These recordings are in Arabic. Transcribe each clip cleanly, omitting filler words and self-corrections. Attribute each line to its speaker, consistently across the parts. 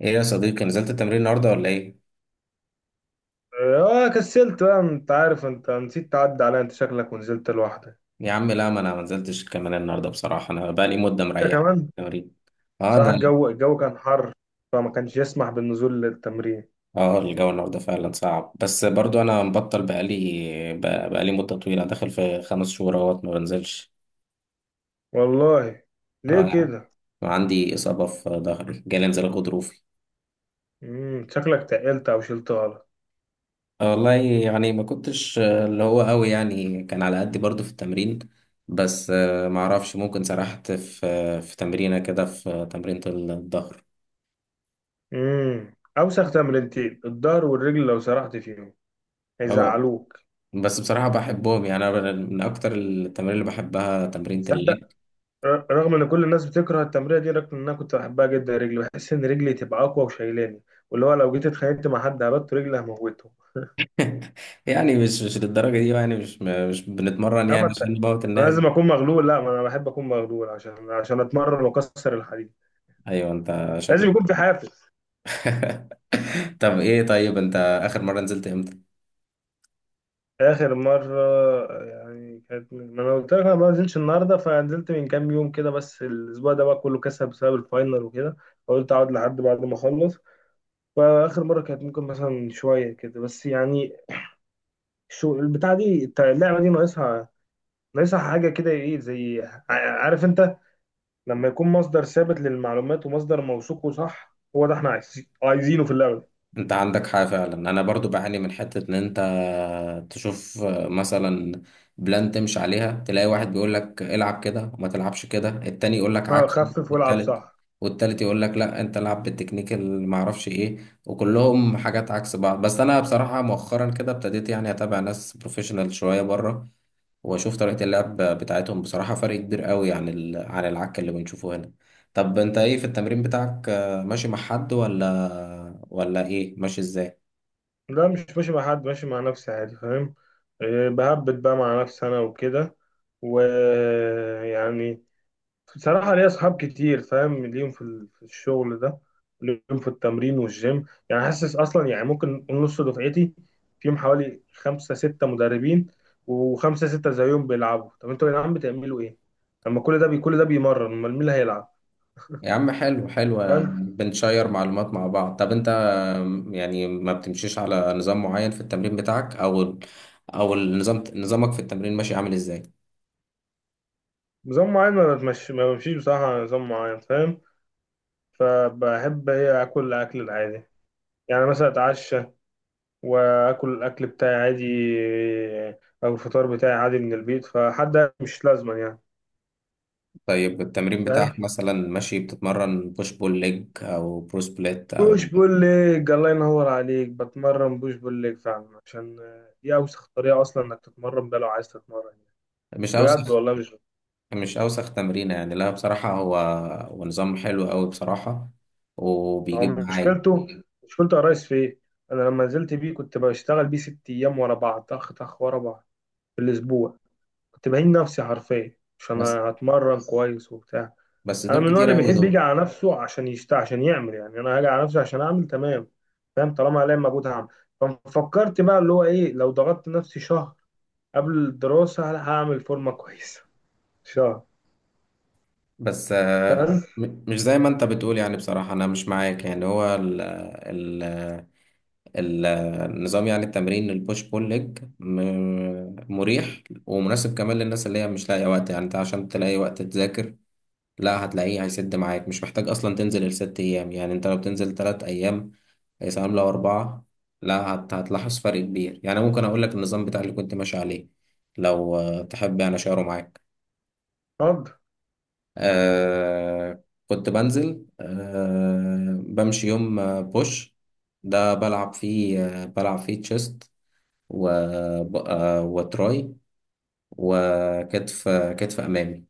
Speaker 1: ايه يا صديقي، نزلت التمرين النهارده ولا ايه؟
Speaker 2: اه، كسلت بقى، انت عارف، انت نسيت تعدي عليا، انت شكلك ونزلت لوحدك.
Speaker 1: يا عم لا، ما انا ما نزلتش كمان النهارده، بصراحه انا بقالي مده
Speaker 2: انت
Speaker 1: مريح من
Speaker 2: كمان.
Speaker 1: التمرين. اه
Speaker 2: صراحة،
Speaker 1: ده.
Speaker 2: الجو كان حر، فما كانش يسمح بالنزول للتمرين.
Speaker 1: اه، الجو النهارده فعلا صعب، بس برضو انا مبطل بقالي. بقالي مده طويله، داخل في خمس شهور اهوت ما بنزلش.
Speaker 2: والله، ليه
Speaker 1: اه،
Speaker 2: كده؟
Speaker 1: وعندي اصابه في ظهري، جالي انزلاق غضروفي.
Speaker 2: شكلك تقلت او شلت غلط.
Speaker 1: آه والله، يعني ما كنتش اللي هو قوي، يعني كان على قدي برضو في التمرين. بس ما اعرفش، ممكن سرحت في تمرينه كده، في تمرينة الظهر.
Speaker 2: اوسخ تمرينتين الظهر والرجل، لو سرحت فيهم
Speaker 1: اه،
Speaker 2: هيزعلوك.
Speaker 1: بس بصراحة بحبهم، يعني أنا من أكتر التمارين اللي بحبها تمرين
Speaker 2: تصدق،
Speaker 1: الليج.
Speaker 2: رغم ان كل الناس بتكره التمرين دي، رغم ان انا كنت بحبها جدا، رجلي، بحس ان رجلي تبقى اقوى وشايلاني، واللي هو لو جيت اتخانقت مع حد هبت رجلي هموته.
Speaker 1: يعني مش للدرجة دي بقى، يعني مش بنتمرن يعني عشان نموت
Speaker 2: ما
Speaker 1: الناس.
Speaker 2: لازم اكون مغلول، لا ما انا بحب اكون مغلول عشان اتمرن واكسر الحديد.
Speaker 1: أيوه أنت
Speaker 2: لازم يكون
Speaker 1: شكلك.
Speaker 2: في حافز.
Speaker 1: طب إيه، طيب أنت، آخر مرة نزلت إمتى؟
Speaker 2: اخر مره، يعني كانت ما انا قلت لك انا ما نزلتش النهارده، فنزلت من كام يوم كده، بس الاسبوع ده بقى كله كسب بسبب الفاينل وكده، فقلت اقعد لحد بعد ما اخلص. فاخر مره كانت ممكن مثلا شويه كده بس يعني. شو البتاع دي، اللعبه دي ناقصها، ناقصها حاجه كده ايه، زي عارف انت، لما يكون مصدر ثابت للمعلومات ومصدر موثوق وصح، هو ده احنا عايزينه في اللعبه.
Speaker 1: انت عندك حاجة فعلا، انا برضو بعاني من حتة ان انت تشوف مثلا بلان تمشي عليها، تلاقي واحد بيقول لك العب كده وما تلعبش كده، التاني يقول لك
Speaker 2: اه،
Speaker 1: عكسه،
Speaker 2: خفف والعب صح.
Speaker 1: والتالت والتالت يقول لك لا انت العب بالتكنيك اللي ما اعرفش ايه، وكلهم حاجات عكس بعض. بس انا بصراحة مؤخرا كده ابتديت يعني اتابع ناس بروفيشنال شوية بره، واشوف طريقة اللعب بتاعتهم، بصراحة فرق كبير قوي عن العك اللي بنشوفه هنا. طب انت ايه في التمرين بتاعك، ماشي مع حد ولا ايه، ماشي ازاي؟
Speaker 2: لا مش ماشي مع حد، ماشي مع نفسي عادي، فاهم. آه، بهبط بقى مع نفسي انا وكده، ويعني بصراحة ليا اصحاب كتير فاهم، ليهم في في الشغل ده، ليهم في التمرين والجيم. يعني حاسس اصلا، يعني ممكن نقول نص دفعتي فيهم حوالي خمسة ستة مدربين، وخمسة ستة زيهم بيلعبوا. طب انتوا يا جدعان بتعملوا ايه؟ لما كل ده كل ده بيمرن، امال مين اللي هيلعب؟
Speaker 1: يا عم، حلو حلو،
Speaker 2: فاهم.
Speaker 1: بنشير معلومات مع بعض. طب انت، يعني ما بتمشيش على نظام معين في التمرين بتاعك، او او نظامك في التمرين ماشي عامل ازاي؟
Speaker 2: نظام معين، ما بمشيش بصراحة على نظام معين، فاهم. فبحب هي اكل الاكل العادي، يعني مثلا اتعشى واكل الاكل بتاعي عادي، او الفطار بتاعي عادي من البيت، فحد مش لازما يعني.
Speaker 1: طيب التمرين
Speaker 2: فاهم.
Speaker 1: بتاعك مثلا، ماشي بتتمرن بوش بول ليج او برو سبليت
Speaker 2: بوش
Speaker 1: او...
Speaker 2: بول ليج، الله ينور عليك، بتمرن بوش بول ليج فعلا، عشان دي اوسخ طريقه اصلا انك تتمرن بيها لو عايز تتمرن،
Speaker 1: مش عاوز.
Speaker 2: بجد والله. مش
Speaker 1: مش أوسخ تمرينة يعني، لا بصراحة هو نظام حلو أوي بصراحة،
Speaker 2: هو
Speaker 1: وبيجيب معايا.
Speaker 2: مشكلته، مشكلته يا ريس في ايه؟ انا لما نزلت بيه كنت بشتغل بيه 6 ايام ورا بعض، طخ طخ ورا بعض، في الاسبوع. كنت بهين نفسي حرفيا عشان
Speaker 1: بس
Speaker 2: هتمرن كويس وبتاع.
Speaker 1: بس
Speaker 2: انا
Speaker 1: دول
Speaker 2: من النوع اللي
Speaker 1: كتير أوي
Speaker 2: بيحب يجي
Speaker 1: دول.
Speaker 2: على نفسه عشان يشت، عشان يعمل، يعني انا هاجي على نفسي عشان اعمل تمام، فاهم، طالما عليا مجهود هعمل. ففكرت بقى اللي هو ايه، لو ضغطت نفسي شهر قبل الدراسه، لا، هعمل فورمه كويسه، شهر.
Speaker 1: بس
Speaker 2: فاهم.
Speaker 1: مش زي ما أنت بتقول، يعني بصراحة أنا مش معاك. يعني هو النظام، يعني التمرين البوش بول ليج، مريح ومناسب كمان للناس اللي هي مش لاقية وقت. يعني أنت عشان تلاقي وقت تذاكر، لا هتلاقيه هيسد معاك، مش محتاج أصلا تنزل الست أيام. يعني أنت لو بتنزل تلات أيام، هي سنة عاملة أربعة. لا هتلاحظ فرق كبير. يعني ممكن أقول لك النظام بتاع اللي كنت ماشي عليه، لو تحب يعني أشاره معاك.
Speaker 2: اتفضل.
Speaker 1: كنت بنزل، بمشي يوم، بوش، ده بلعب فيه تشيست، و آه وتراي، وكتف، آه، كتف أمامي.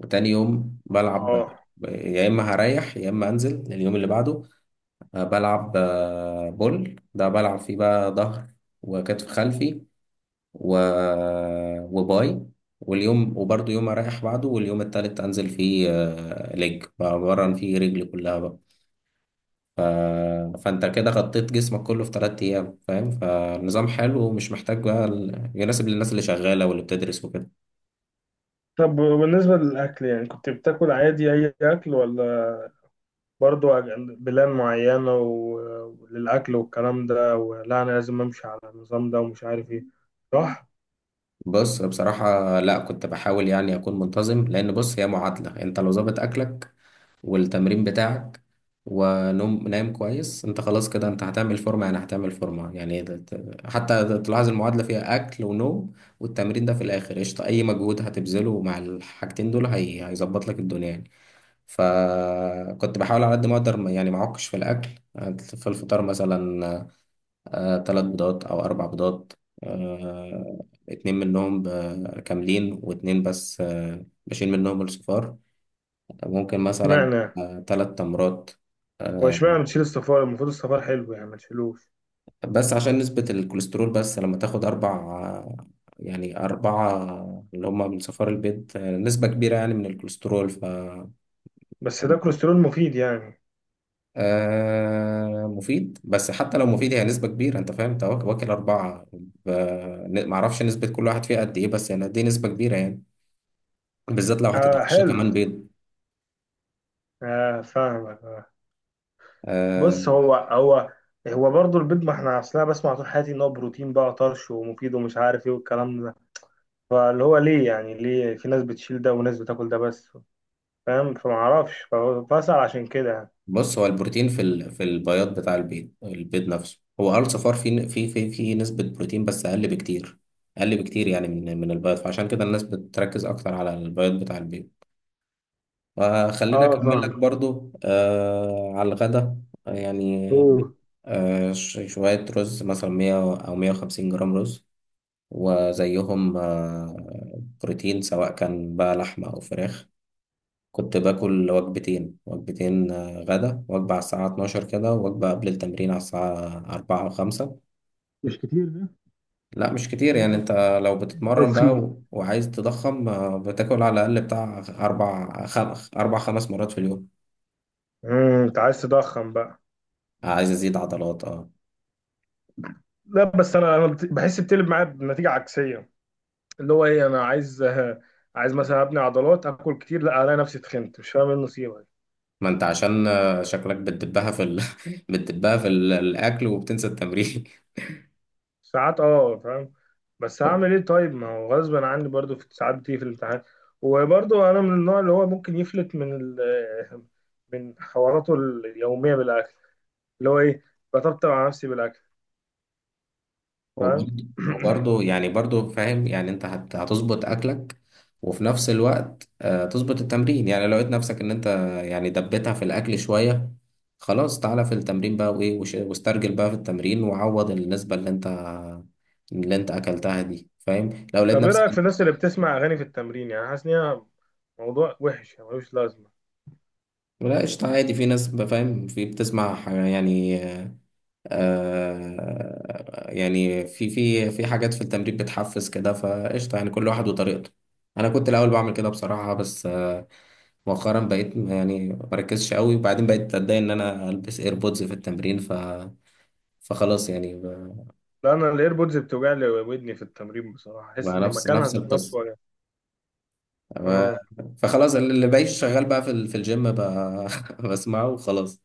Speaker 1: وتاني يوم بلعب،
Speaker 2: اه،
Speaker 1: يا إما هريح يا إما أنزل اليوم اللي بعده. بلعب، بول، ده بلعب فيه بقى ظهر وكتف خلفي و... وباي. واليوم، يوم أريح بعده، واليوم التالت أنزل فيه ليج، بمرن فيه رجلي كلها بقى. فأنت كده غطيت جسمك كله في تلات أيام، فاهم، فالنظام حلو ومش محتاج بقى، يناسب للناس اللي شغالة واللي بتدرس وكده.
Speaker 2: طب وبالنسبه للاكل، يعني كنت بتاكل عادي اي اكل، ولا برضو بلان معينه وللاكل والكلام ده، ولا انا لازم امشي على النظام ده ومش عارف ايه، صح؟
Speaker 1: بص بصراحة لا، كنت بحاول يعني أكون منتظم، لأن بص هي معادلة، أنت لو ظابط أكلك والتمرين بتاعك ونوم نايم كويس، انت خلاص كده انت هتعمل فورمة، يعني هتعمل فورمة، يعني حتى تلاحظ المعادلة فيها أكل ونوم والتمرين، ده في الآخر قشطة. أي مجهود هتبذله مع الحاجتين دول هيظبط لك الدنيا يعني. فكنت بحاول على قد ما أقدر يعني ما أعكش في الأكل. في الفطار مثلا تلات بيضات أو أربع بيضات، اتنين منهم كاملين، واتنين بس بشيل منهم الصفار. ممكن مثلا
Speaker 2: اشمعنى،
Speaker 1: تلات تمرات.
Speaker 2: هو
Speaker 1: آه،
Speaker 2: اشمعنى بتشيل الصفار؟ المفروض الصفار حلو يعني ما تشيلوش،
Speaker 1: بس عشان نسبة الكوليسترول، بس لما تاخد أربع، آه، يعني أربعة اللي هما من صفار البيض، نسبة كبيرة يعني من الكوليسترول. ف
Speaker 2: بس ده كوليسترول مفيد يعني.
Speaker 1: آه، مفيد، بس حتى لو مفيد هي نسبة كبيرة. أنت فاهم، أنت واكل أربعة، ف- معرفش نسبة كل واحد فيها قد إيه، بس يعني دي نسبة كبيرة يعني، بالذات لو
Speaker 2: آه،
Speaker 1: هتتعشى
Speaker 2: حلو،
Speaker 1: كمان بيض.
Speaker 2: آه فاهمك، آه. بص،
Speaker 1: آه،
Speaker 2: هو هو برضه البيض، ما احنا اصلا بسمع طول حياتي ان هو بروتين بقى طرش، ومفيد، ومش عارف ايه والكلام ده. فاللي هو ليه، يعني ليه في ناس بتشيل ده وناس بتاكل ده بس؟ فاهم، فما اعرفش، فبسأل عشان كده يعني.
Speaker 1: بص، هو البروتين في في البياض بتاع البيض، البيض نفسه هو صفار، في نسبة بروتين بس أقل بكتير. أقل بكتير يعني من البياض، فعشان كده الناس بتركز أكتر على البياض بتاع البيض. فخلينا
Speaker 2: اه
Speaker 1: أكمل
Speaker 2: فاهم.
Speaker 1: لك برضو على الغدا. يعني
Speaker 2: اوه.
Speaker 1: شوية رز مثلا 100 أو 150 جرام رز، وزيهم بروتين، سواء كان بقى لحمة أو فراخ. كنت باكل وجبتين، غدا وجبة على الساعة 12 كده، وجبة قبل التمرين على الساعة 4 أو 5.
Speaker 2: مش كتير ده؟
Speaker 1: لا مش كتير
Speaker 2: كده
Speaker 1: يعني،
Speaker 2: كده.
Speaker 1: أنت لو
Speaker 2: ده
Speaker 1: بتتمرن بقى
Speaker 2: تضخيم.
Speaker 1: وعايز تضخم، بتاكل على الأقل بتاع أربع خمس مرات في اليوم.
Speaker 2: انت عايز تضخم بقى.
Speaker 1: عايز أزيد عضلات أه.
Speaker 2: لا بس، انا بحس بتقلب معايا بنتيجة عكسية، اللي هو ايه، انا عايز، عايز مثلا ابني عضلات، اكل كتيه، لا، الاقي نفسي اتخنت، مش فاهم ايه النصيبه دي.
Speaker 1: ما أنت عشان شكلك بتدبها بتدبها الأكل، وبتنسى التمرين.
Speaker 2: ساعات، اه فاهم، بس هعمل ايه طيب؟ ما هو غصب عني برضو، في ساعات بتيجي في الامتحان. وبرضو انا من النوع اللي هو ممكن يفلت من حواراته اليوميه بالاكل، اللي هو ايه، بطبطب على نفسي بالاكل، فاهم.
Speaker 1: وبرضه وبرضه يعني فاهم، يعني انت هتظبط اكلك، وفي نفس الوقت تظبط التمرين. يعني لو لقيت نفسك ان انت، يعني دبتها في الاكل شوية، خلاص تعالى في التمرين بقى، وايه واسترجل بقى في التمرين، وعوض النسبة اللي انت اكلتها دي، فاهم لو لقيت
Speaker 2: طب ايه
Speaker 1: نفسك.
Speaker 2: رايك في الناس اللي بتسمع اغاني في التمرين؟ يعني حاسس ان هي موضوع وحش يعني ملوش لازمه؟
Speaker 1: لا قشطة عادي، في ناس فاهم، في بتسمع يعني، يعني في حاجات في التمرين بتحفز كده، فقشطة يعني كل واحد وطريقته. أنا كنت الأول بعمل كده بصراحة، بس مؤخرا بقيت يعني ما بركزش قوي، وبعدين بقيت أتضايق إن أنا ألبس إيربودز في التمرين. فخلاص، يعني
Speaker 2: لا، انا الايربودز بتوجع لي ودني في التمرين بصراحه، احس
Speaker 1: بقى
Speaker 2: ان
Speaker 1: نفس
Speaker 2: مكانها ذات نفسه
Speaker 1: القصة.
Speaker 2: وجع.
Speaker 1: ف-
Speaker 2: آه.
Speaker 1: فخلاص، اللي بقيت شغال بقى في في الجيم بقى، بسمعه وخلاص.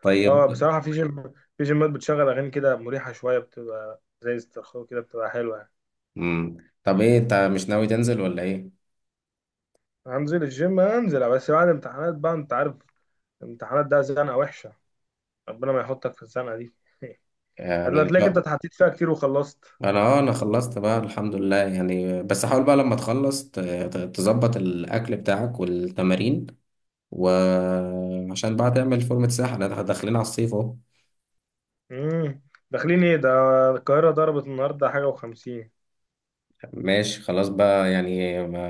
Speaker 1: طيب.
Speaker 2: اه بصراحة في جيم، في جيمات بتشغل أغاني كده مريحة شوية، بتبقى زي استرخاء كده، بتبقى حلوة يعني.
Speaker 1: مم. طب إيه أنت مش ناوي تنزل ولا إيه؟
Speaker 2: هنزل الجيم، هنزل بس بعد امتحانات بقى، أنت عارف الامتحانات ده زنقة وحشة، ربنا ما يحطك في الزنقة دي. هتلاقيك،
Speaker 1: يعني
Speaker 2: تلاقيك أنت اتحطيت فيها كتير وخلصت.
Speaker 1: انا، خلصت بقى الحمد لله، يعني بس حاول بقى لما تخلص تظبط الاكل بتاعك والتمارين، وعشان بقى تعمل فورمة ساحة، احنا داخلين على الصيف اهو.
Speaker 2: امم. داخلين إيه ده؟ القاهرة ضربت النهاردة حاجة وخمسين.
Speaker 1: ماشي خلاص بقى، يعني ما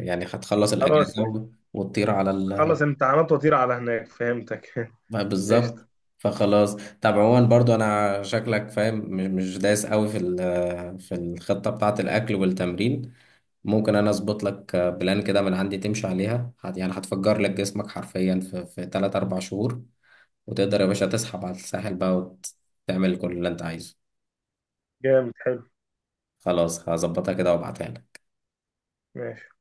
Speaker 1: يعني هتخلص
Speaker 2: خلاص،
Speaker 1: الاجازة وتطير على
Speaker 2: خلص امتحانات وطير على هناك، فهمتك.
Speaker 1: بقى بالظبط.
Speaker 2: قشطة.
Speaker 1: فخلاص. طب عموما برضو، انا شكلك فاهم مش دايس قوي في في الخطة بتاعة الاكل والتمرين. ممكن انا اظبط لك بلان كده من عندي تمشي عليها، يعني هتفجر لك جسمك حرفيا في 3 4 شهور، وتقدر يا باشا تسحب على الساحل بقى وتعمل كل اللي انت عايزه.
Speaker 2: جامد حلو.
Speaker 1: خلاص هظبطها كده وابعتها لك.
Speaker 2: ماشي.